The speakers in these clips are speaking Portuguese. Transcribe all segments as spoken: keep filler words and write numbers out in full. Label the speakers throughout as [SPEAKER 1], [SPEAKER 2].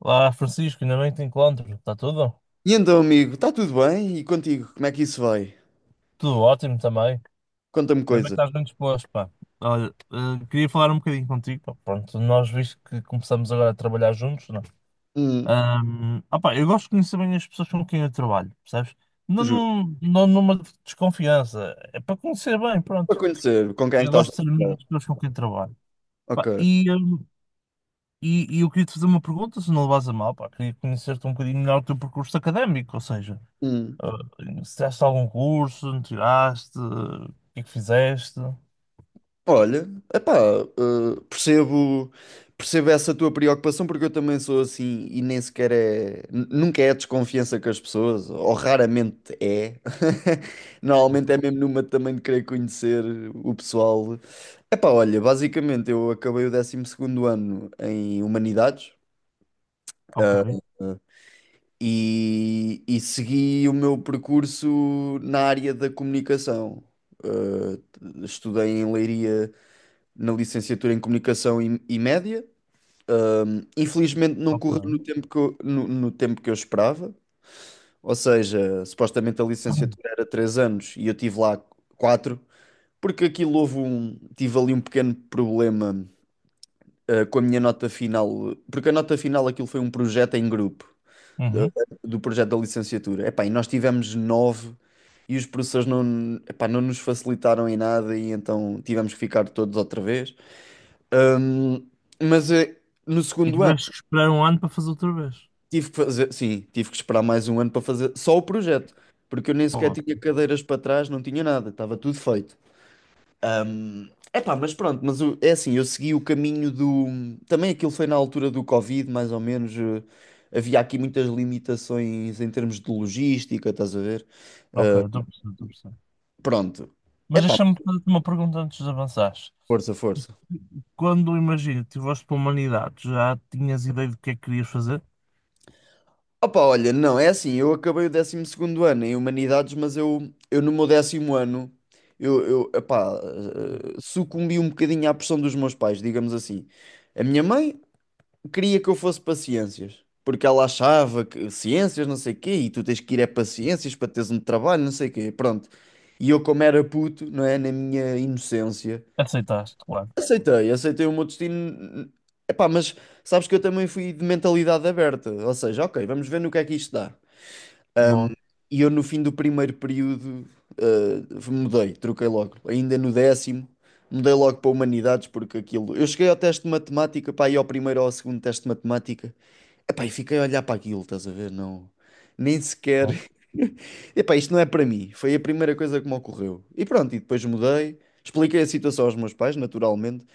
[SPEAKER 1] Olá, Francisco, ainda bem que te encontro. Está tudo?
[SPEAKER 2] E então, amigo, está tudo bem? E contigo, como é que isso vai?
[SPEAKER 1] Tudo ótimo também.
[SPEAKER 2] Conta-me
[SPEAKER 1] Ainda bem que
[SPEAKER 2] coisas.
[SPEAKER 1] estás bem disposto, pá. Olha, eh, queria falar um bocadinho contigo, pá. Pronto, nós visto que começamos agora a trabalhar juntos, não? é?
[SPEAKER 2] Hum.
[SPEAKER 1] Ahm, ah, pá, eu gosto de conhecer bem as pessoas com quem eu trabalho, percebes? Não,
[SPEAKER 2] Justo.
[SPEAKER 1] não, não numa desconfiança, é para conhecer bem,
[SPEAKER 2] Para
[SPEAKER 1] pronto.
[SPEAKER 2] conhecer com quem é que
[SPEAKER 1] Eu
[SPEAKER 2] estás
[SPEAKER 1] gosto
[SPEAKER 2] a
[SPEAKER 1] de ser amigo
[SPEAKER 2] trabalhar.
[SPEAKER 1] das pessoas com quem trabalho. Pá,
[SPEAKER 2] Ok.
[SPEAKER 1] e, ahm, e, e eu queria te fazer uma pergunta, se não levas a mal, pá. Queria conhecer-te um bocadinho melhor o teu percurso académico, ou seja.
[SPEAKER 2] Hum.
[SPEAKER 1] Ah, se tiraste algum curso, não tiraste? O que é que fizeste?
[SPEAKER 2] Olha, epá, eh, percebo, percebo essa tua preocupação porque eu também sou assim e nem sequer é, n- nunca é desconfiança com as pessoas, ou raramente é. Normalmente
[SPEAKER 1] Ok,
[SPEAKER 2] é mesmo numa também de querer conhecer o pessoal. Epá, olha, basicamente eu acabei o décimo segundo ano em Humanidades.
[SPEAKER 1] ok.
[SPEAKER 2] eh, e, e segui o meu percurso na área da comunicação. Uh, Estudei em Leiria na licenciatura em Comunicação e, e Média. Um, infelizmente não correu
[SPEAKER 1] Ok.
[SPEAKER 2] no tempo que eu, no, no tempo que eu esperava, ou seja, supostamente a licenciatura era três anos e eu tive lá quatro porque aquilo houve um, tive ali um pequeno problema, uh, com a minha nota final, porque a nota final aquilo foi um projeto em grupo do
[SPEAKER 1] Uhum.
[SPEAKER 2] do projeto da licenciatura. Epá, e nós tivemos nove e os professores não, epá, não nos facilitaram em nada e então tivemos que ficar todos outra vez. Ahm, mas eh, no
[SPEAKER 1] E
[SPEAKER 2] segundo ano
[SPEAKER 1] tiveste que esperar um ano para fazer outra vez.
[SPEAKER 2] tive que fazer, sim, tive que esperar mais um ano para fazer só o projeto, porque eu nem sequer
[SPEAKER 1] Pô,
[SPEAKER 2] tinha cadeiras para trás, não tinha nada, estava tudo feito. Ahm, Epá, mas pronto, mas o- é assim, eu segui o caminho do. Também aquilo foi na altura do Covid, mais ou menos. eh, Havia aqui muitas limitações em termos de logística, estás a ver?
[SPEAKER 1] ok, estou a perceber, estou a perceber.
[SPEAKER 2] Pronto.
[SPEAKER 1] Mas
[SPEAKER 2] Epá,
[SPEAKER 1] deixa-me fazer-te uma pergunta antes de avançares.
[SPEAKER 2] força, força.
[SPEAKER 1] Quando, imagina, tiveste para a humanidade, já tinhas ideia do que é que querias fazer?
[SPEAKER 2] Opa, olha, não, é assim, eu acabei o décimo segundo ano em Humanidades, mas eu, eu no meu décimo ano, eu, eu epá, eh, sucumbi um bocadinho à pressão dos meus pais, digamos assim. A minha mãe queria que eu fosse para Ciências, porque ela achava que Ciências não sei quê, e tu tens que ir é para Ciências para teres um trabalho, não sei quê, pronto. E eu como era puto, não é, na minha inocência.
[SPEAKER 1] Aceitaste, claro.
[SPEAKER 2] Aceitei, aceitei o meu destino. Epá, mas sabes que eu também fui de mentalidade aberta. Ou seja, ok, vamos ver no que é que isto dá.
[SPEAKER 1] Boa,
[SPEAKER 2] E eu no fim do primeiro período eh, mudei, troquei logo. Ainda no décimo, mudei logo para Humanidades porque aquilo. Eu cheguei ao teste de matemática, pá, e ao primeiro ou ao segundo teste de matemática. Epá, e fiquei a olhar para aquilo, estás a ver? Não, nem sequer.
[SPEAKER 1] boa.
[SPEAKER 2] Epá, isto não é para mim. Foi a primeira coisa que me ocorreu. E pronto, e depois mudei. Expliquei a situação aos meus pais, naturalmente.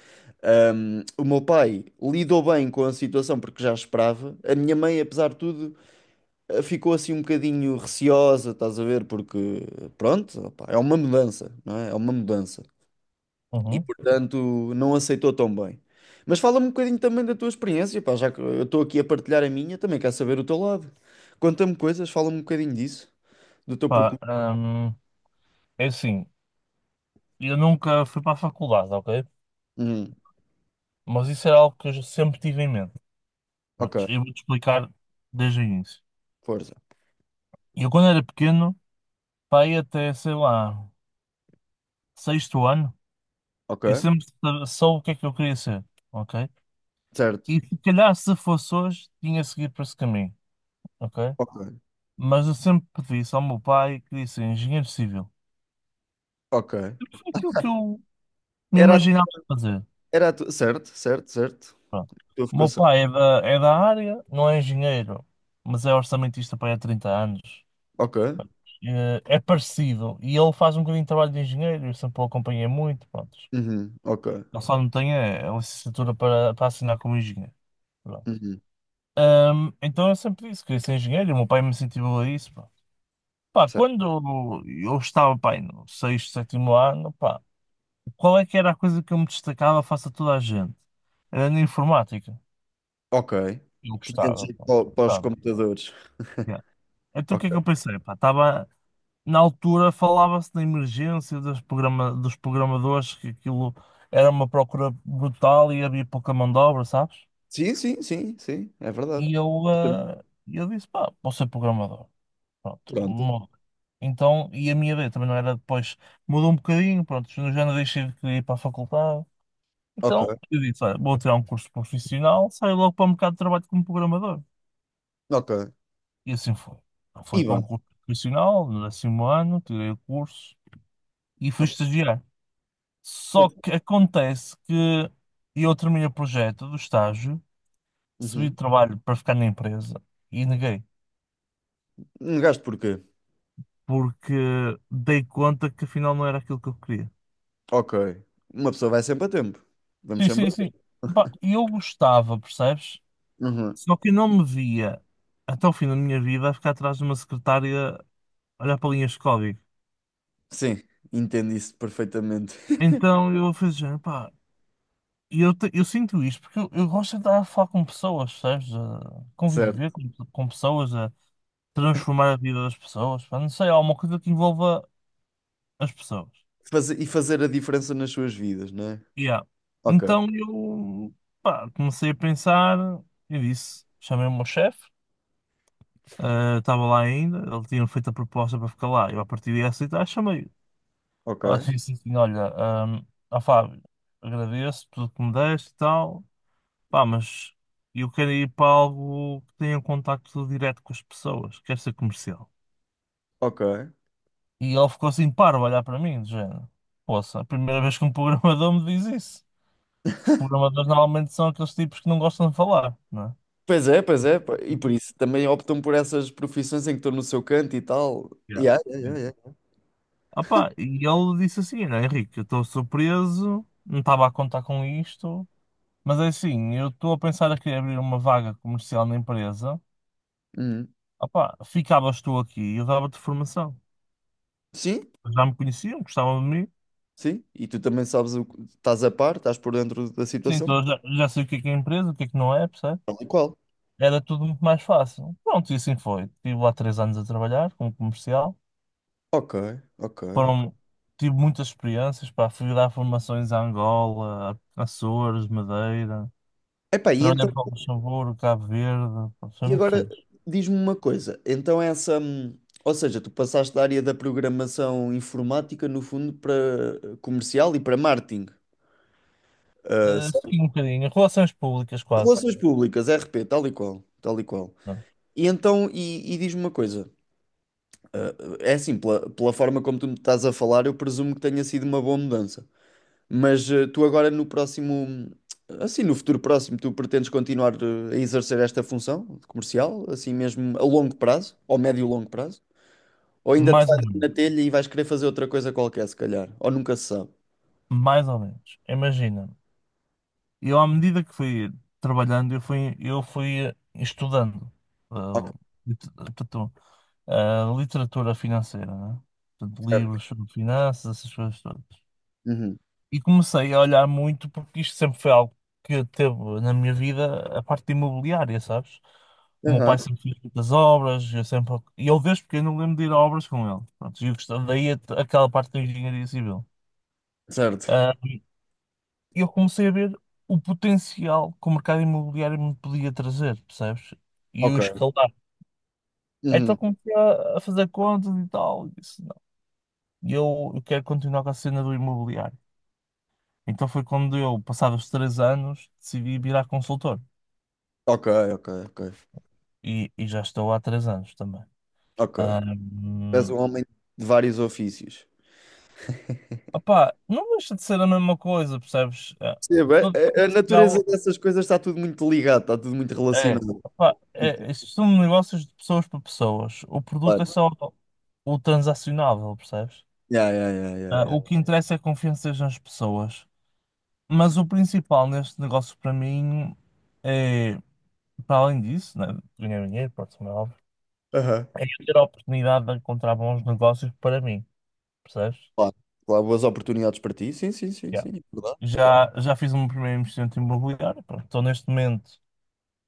[SPEAKER 2] Um, o meu pai lidou bem com a situação porque já esperava. A minha mãe, apesar de tudo, eh, ficou assim um bocadinho receosa, estás a ver? Porque, pronto, opá, é uma mudança, não é? É uma mudança. E,
[SPEAKER 1] Uhum.
[SPEAKER 2] portanto, não aceitou tão bem. Mas fala-me um bocadinho também da tua experiência, pá, já que eu estou aqui a partilhar a minha, também quero saber o teu lado. Conta-me coisas, fala-me um bocadinho disso, do teu
[SPEAKER 1] Pá,
[SPEAKER 2] percurso.
[SPEAKER 1] hum, é assim, eu nunca fui para a faculdade, ok?
[SPEAKER 2] Hum.
[SPEAKER 1] Mas isso era algo que eu já sempre tive em mente. Pronto,
[SPEAKER 2] Ok,
[SPEAKER 1] eu vou-te explicar desde o início.
[SPEAKER 2] força.
[SPEAKER 1] Eu, quando era pequeno, pá, ia até, sei lá, sexto ano,
[SPEAKER 2] Ok,
[SPEAKER 1] eu sempre sa- soube o que é que eu queria ser, ok?
[SPEAKER 2] certo.
[SPEAKER 1] E se calhar, se fosse hoje, tinha seguido por esse caminho, ok?
[SPEAKER 2] Ok,
[SPEAKER 1] Mas eu sempre pedi isso ao meu pai que disse engenheiro civil.
[SPEAKER 2] ok.
[SPEAKER 1] Foi aquilo que eu me
[SPEAKER 2] Era, a-
[SPEAKER 1] imaginava fazer.
[SPEAKER 2] era a tu- Certo, certo, certo.
[SPEAKER 1] Pronto.
[SPEAKER 2] Tu
[SPEAKER 1] O
[SPEAKER 2] ficou.
[SPEAKER 1] meu pai é da, é da área, não é engenheiro, mas é orçamentista para aí há trinta anos.
[SPEAKER 2] Ok.
[SPEAKER 1] Eh, É parecido. E ele faz um bocadinho de trabalho de engenheiro, eu sempre o acompanhei muito. Pronto.
[SPEAKER 2] Uhum. Ok.
[SPEAKER 1] Ele só não tem a, a licenciatura para, para assinar como engenheiro. Pronto.
[SPEAKER 2] Uhum.
[SPEAKER 1] Ahm, então eu sempre disse que queria ser engenheiro e o meu pai me incentivou a isso. Pá, pá,
[SPEAKER 2] Certo.
[SPEAKER 1] quando eu estava, pá, aí no sexto, sétimo ano, qual é que era a coisa que eu me destacava face a toda a gente? Era na informática.
[SPEAKER 2] Ok.
[SPEAKER 1] Eu
[SPEAKER 2] Tinhas
[SPEAKER 1] gostava,
[SPEAKER 2] ido
[SPEAKER 1] pronto,
[SPEAKER 2] pa- para os
[SPEAKER 1] gostava.
[SPEAKER 2] computadores.
[SPEAKER 1] Yeah. Então o
[SPEAKER 2] Ok.
[SPEAKER 1] que é que eu pensei? Pá, tava, na altura falava-se da emergência dos, programa, dos programadores, que aquilo era uma procura brutal e havia pouca mão de obra, sabes?
[SPEAKER 2] Sim, sim, sim, sim. É verdade.
[SPEAKER 1] E eu,
[SPEAKER 2] Portanto,
[SPEAKER 1] eh, eu disse, pá, posso ser programador. Pronto,
[SPEAKER 2] pronto.
[SPEAKER 1] mudou. Então, e a minha ideia também não era depois, mudou um bocadinho, pronto, eu já não deixei de querer ir para a faculdade.
[SPEAKER 2] Ok.
[SPEAKER 1] Então, eu disse, olha, vou tirar um curso profissional, saio logo para o mercado de trabalho como programador.
[SPEAKER 2] Ok.
[SPEAKER 1] E assim foi.
[SPEAKER 2] E
[SPEAKER 1] Fui para um
[SPEAKER 2] bem.
[SPEAKER 1] curso profissional, no décimo ano, tirei o curso e fui
[SPEAKER 2] Ok.
[SPEAKER 1] estagiar. Só que acontece que eu terminei o projeto do estágio, recebi
[SPEAKER 2] Uhum.
[SPEAKER 1] trabalho para ficar na empresa e neguei,
[SPEAKER 2] Um gasto porquê?
[SPEAKER 1] porque dei conta que afinal não era aquilo que eu queria.
[SPEAKER 2] Ok. Uma pessoa vai sempre a tempo. Vamos
[SPEAKER 1] Sim,
[SPEAKER 2] sempre
[SPEAKER 1] sim,
[SPEAKER 2] a
[SPEAKER 1] sim.
[SPEAKER 2] tempo.
[SPEAKER 1] Opa, eu gostava, percebes?
[SPEAKER 2] Uhum.
[SPEAKER 1] Só que eu não me via até o fim da minha vida a ficar atrás de uma secretária olhar para linhas de código.
[SPEAKER 2] Sim. Entendo isso perfeitamente.
[SPEAKER 1] Então eu fiz género, pá, e eu, te- eu sinto isto porque eu, eu gosto de estar a falar com pessoas, sabes? A conviver
[SPEAKER 2] Certo.
[SPEAKER 1] com, com pessoas, a transformar a vida das pessoas, pá, não sei, alguma coisa que envolva as pessoas.
[SPEAKER 2] Fazer- e fazer a diferença nas suas vidas, não é?
[SPEAKER 1] Yeah.
[SPEAKER 2] Ok.
[SPEAKER 1] Então eu, pá, comecei a pensar e disse, chamei o meu chefe, eh, estava lá ainda, ele tinha feito a proposta para ficar lá, eu a partir de aceitar, chamei-o. Ah,
[SPEAKER 2] Ok.
[SPEAKER 1] disse assim, olha, ah Fábio, agradeço tudo que me deste e tal. Pá, mas eu quero ir para algo que tenha um contacto direto com as pessoas, quero ser comercial.
[SPEAKER 2] Ok.
[SPEAKER 1] E ele ficou assim parvo a olhar para mim, de género. Poça, a primeira vez que um programador me diz isso. Os programadores normalmente são aqueles tipos que não gostam de falar, não é?
[SPEAKER 2] Pois é, pois é, pá, e por isso também optam por essas profissões em que estão no seu canto e tal.
[SPEAKER 1] Yeah.
[SPEAKER 2] Yeah, yeah,
[SPEAKER 1] Yeah.
[SPEAKER 2] yeah, yeah.
[SPEAKER 1] Ah pá, e ele disse assim, olha, Henrique, eu estou surpreso, não estava a contar com isto, mas é assim, eu estou a pensar aqui em abrir uma vaga comercial na empresa.
[SPEAKER 2] Uhum.
[SPEAKER 1] Ah pá, ficavas tu aqui e eu dava-te formação.
[SPEAKER 2] Sim,
[SPEAKER 1] Já me conheciam, gostavam de mim,
[SPEAKER 2] sim, e tu também sabes o que estás a par, estás por dentro da
[SPEAKER 1] sim,
[SPEAKER 2] situação,
[SPEAKER 1] então já, já sei o que é que é empresa, o que é que não é, percebe?
[SPEAKER 2] tal e qual.
[SPEAKER 1] Era tudo muito mais fácil. Pronto, e assim foi. Estive lá três anos a trabalhar como comercial.
[SPEAKER 2] Ok, ok, ok.
[SPEAKER 1] Foram, tive muitas experiências, pá, fui dar formações a Angola, a Açores, Madeira.
[SPEAKER 2] Epá, e
[SPEAKER 1] Trabalhei
[SPEAKER 2] então,
[SPEAKER 1] para o Luxemburgo, Cabo Verde, pá, foi
[SPEAKER 2] e
[SPEAKER 1] muito
[SPEAKER 2] agora
[SPEAKER 1] fixe.
[SPEAKER 2] diz-me uma coisa, então essa, hum, ou seja, tu passaste da área da programação informática, no fundo, para eh, comercial e para marketing. Ah,
[SPEAKER 1] Eh, sim,
[SPEAKER 2] certo?
[SPEAKER 1] um bocadinho. Relações públicas quase.
[SPEAKER 2] Relações públicas, R P, tal e qual, tal e qual.
[SPEAKER 1] Não.
[SPEAKER 2] E então, e, e diz-me uma coisa. Ah, é assim, pela, pela forma como tu me estás a falar, eu presumo que tenha sido uma boa mudança. Mas eh, tu agora no próximo, assim, no futuro próximo, tu pretendes continuar eh, a exercer esta função de comercial, assim mesmo a longo prazo, ou médio e longo prazo? Ou ainda te
[SPEAKER 1] Mais
[SPEAKER 2] vais
[SPEAKER 1] ou
[SPEAKER 2] na
[SPEAKER 1] menos.
[SPEAKER 2] telha e vais querer fazer outra coisa qualquer, se calhar? Ou nunca se sabe?
[SPEAKER 1] Mais ou menos. Imagina. Eu, à medida que fui trabalhando, eu fui, eu fui eh, estudando. Eh,
[SPEAKER 2] Ok,
[SPEAKER 1] ah, literatura financeira, né? Portanto,
[SPEAKER 2] certo.
[SPEAKER 1] livros sobre finanças, essas coisas todas.
[SPEAKER 2] Uhum.
[SPEAKER 1] E comecei a olhar muito porque isto sempre foi algo que teve na minha vida a parte de imobiliária, sabes? O meu
[SPEAKER 2] Aham.
[SPEAKER 1] pai sempre fez muitas obras, eu sempre... e eu desde pequeno não lembro de ir a obras com ele. Pronto, e eu gostava- daí a- aquela parte da engenharia civil.
[SPEAKER 2] Certo.
[SPEAKER 1] Ah, eu comecei a ver o potencial que o mercado imobiliário me podia trazer, percebes? E o
[SPEAKER 2] Ok.
[SPEAKER 1] escalar. Então
[SPEAKER 2] Uhum.
[SPEAKER 1] comecei a a fazer contas e tal. E eu, eu quero continuar com a cena do imobiliário. Então foi quando eu, passados três anos, decidi virar consultor.
[SPEAKER 2] Ok, ok, ok.
[SPEAKER 1] E, e já estou há três anos também.
[SPEAKER 2] Ok. És
[SPEAKER 1] Ahm,
[SPEAKER 2] um homem de vários ofícios.
[SPEAKER 1] opá, não deixa de ser a mesma coisa, percebes? Ah,
[SPEAKER 2] Percebo, a,
[SPEAKER 1] todo
[SPEAKER 2] a- a natureza
[SPEAKER 1] Portugal
[SPEAKER 2] dessas coisas está tudo muito ligado, está tudo muito
[SPEAKER 1] é,
[SPEAKER 2] relacionado.
[SPEAKER 1] opá, é, isto são negócios de pessoas para pessoas. O produto é
[SPEAKER 2] Claro.
[SPEAKER 1] só o transacionável, percebes?
[SPEAKER 2] Yeah, yeah, yeah, yeah,
[SPEAKER 1] Ah,
[SPEAKER 2] yeah.
[SPEAKER 1] o que interessa é confianças nas pessoas. Mas o principal neste negócio para mim é, para além disso, né, ganhar dinheiro, pronto, como é óbvio,
[SPEAKER 2] Aham.
[SPEAKER 1] é eu ter a oportunidade de encontrar bons negócios para mim, percebes?
[SPEAKER 2] Claro, claro, boas oportunidades para ti. Sim, sim, sim,
[SPEAKER 1] Yeah.
[SPEAKER 2] sim, é verdade, é verdade.
[SPEAKER 1] Já, já fiz um primeiro investimento imobiliário, pronto, estou neste momento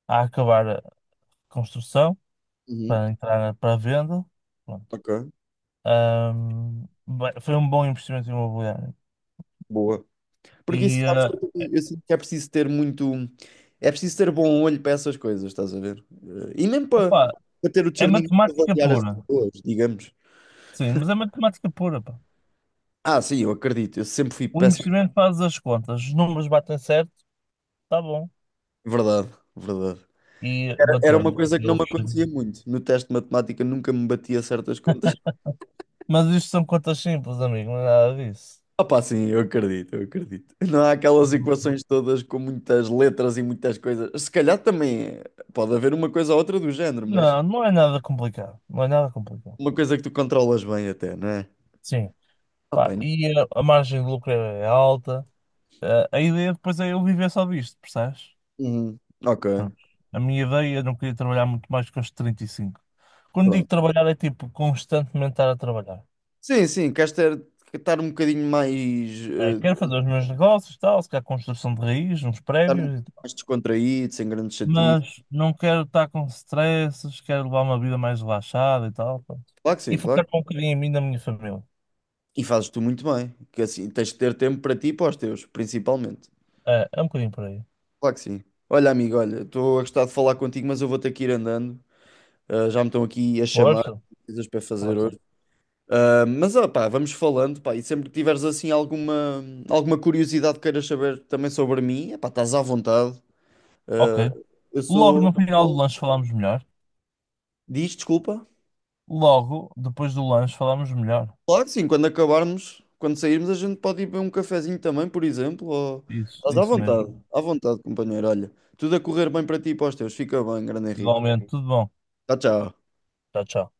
[SPEAKER 1] a acabar a construção
[SPEAKER 2] Uhum.
[SPEAKER 1] para entrar na- para a venda, pronto.
[SPEAKER 2] Ok,
[SPEAKER 1] Ahm, bem, foi um bom investimento imobiliário.
[SPEAKER 2] boa. Porque
[SPEAKER 1] E,
[SPEAKER 2] isso, sabes, que
[SPEAKER 1] eh,
[SPEAKER 2] eu, eu sinto que é preciso ter muito. É preciso ter bom olho para essas coisas, estás a ver? Eh, E mesmo para,
[SPEAKER 1] opá,
[SPEAKER 2] para ter o
[SPEAKER 1] é
[SPEAKER 2] discernimento de
[SPEAKER 1] matemática
[SPEAKER 2] avaliar as
[SPEAKER 1] pura,
[SPEAKER 2] pessoas, digamos.
[SPEAKER 1] sim, mas é matemática pura, pá.
[SPEAKER 2] Ah, sim, eu acredito, eu sempre fui
[SPEAKER 1] O
[SPEAKER 2] péssimo.
[SPEAKER 1] investimento faz as contas, os números batem certo, está bom.
[SPEAKER 2] É verdade, é verdade.
[SPEAKER 1] E
[SPEAKER 2] Era uma
[SPEAKER 1] bateram.
[SPEAKER 2] coisa que não
[SPEAKER 1] Eu
[SPEAKER 2] me
[SPEAKER 1] fechei.
[SPEAKER 2] acontecia muito. No teste de matemática nunca me batia certas contas.
[SPEAKER 1] Mas isto são contas simples, amigo, não é nada disso.
[SPEAKER 2] Opa, sim, eu acredito, eu acredito. Não há aquelas equações todas com muitas letras e muitas coisas. Se calhar também é. Pode haver uma coisa ou outra do género, mas
[SPEAKER 1] Não, não é nada complicado. Não é nada complicado.
[SPEAKER 2] uma coisa que tu controlas bem até, não é?
[SPEAKER 1] Sim. Pá,
[SPEAKER 2] Opa, não-
[SPEAKER 1] e a, a margem de lucro é alta. Eh, a ideia depois é eu viver só disto, percebes?
[SPEAKER 2] Uhum. Ok,
[SPEAKER 1] Pronto. A minha ideia, eu não queria trabalhar muito mais que os trinta e cinco. Quando digo
[SPEAKER 2] pronto.
[SPEAKER 1] trabalhar, é tipo constantemente estar a trabalhar.
[SPEAKER 2] Sim, sim, queres ter, estar um bocadinho mais,
[SPEAKER 1] Eh, quero
[SPEAKER 2] eh,
[SPEAKER 1] fazer os meus negócios, tal, se calhar construção de raiz, uns
[SPEAKER 2] estar um- bocadinho
[SPEAKER 1] prédios e tal.
[SPEAKER 2] mais descontraído, sem grandes chatices.
[SPEAKER 1] Mas não quero estar com stresses, quero levar uma vida mais relaxada e tal. Pronto.
[SPEAKER 2] Claro que
[SPEAKER 1] E
[SPEAKER 2] sim, claro.
[SPEAKER 1] focar um bocadinho em mim e na minha família.
[SPEAKER 2] E fazes tu muito bem, que assim tens de ter tempo para ti e para os teus, principalmente.
[SPEAKER 1] É, é um bocadinho por aí.
[SPEAKER 2] Claro que sim. Olha, amigo, olha, estou a gostar de falar contigo, mas eu vou ter que ir andando. Ah, já me estão aqui a chamar,
[SPEAKER 1] Força,
[SPEAKER 2] tenho coisas para fazer
[SPEAKER 1] força.
[SPEAKER 2] hoje. Ah, mas, ó, pá, vamos falando, pá, e sempre que tiveres assim alguma, alguma curiosidade que queiras saber também sobre mim, é pá, estás à vontade.
[SPEAKER 1] Ok.
[SPEAKER 2] Ah, eu
[SPEAKER 1] Logo
[SPEAKER 2] sou.
[SPEAKER 1] no final do lanche falamos melhor.
[SPEAKER 2] Diz, desculpa.
[SPEAKER 1] Logo depois do lanche falamos melhor.
[SPEAKER 2] Claro que sim, quando acabarmos, quando sairmos, a gente pode ir beber um cafezinho também, por exemplo. Ou.
[SPEAKER 1] Isso,
[SPEAKER 2] Estás à
[SPEAKER 1] isso mesmo.
[SPEAKER 2] vontade, à vontade, companheiro. Olha, tudo a correr bem para ti e para os teus. Fica bem, grande Henrique.
[SPEAKER 1] Igualmente, tudo bom.
[SPEAKER 2] Tchau, tchau.
[SPEAKER 1] Tchau, tchau.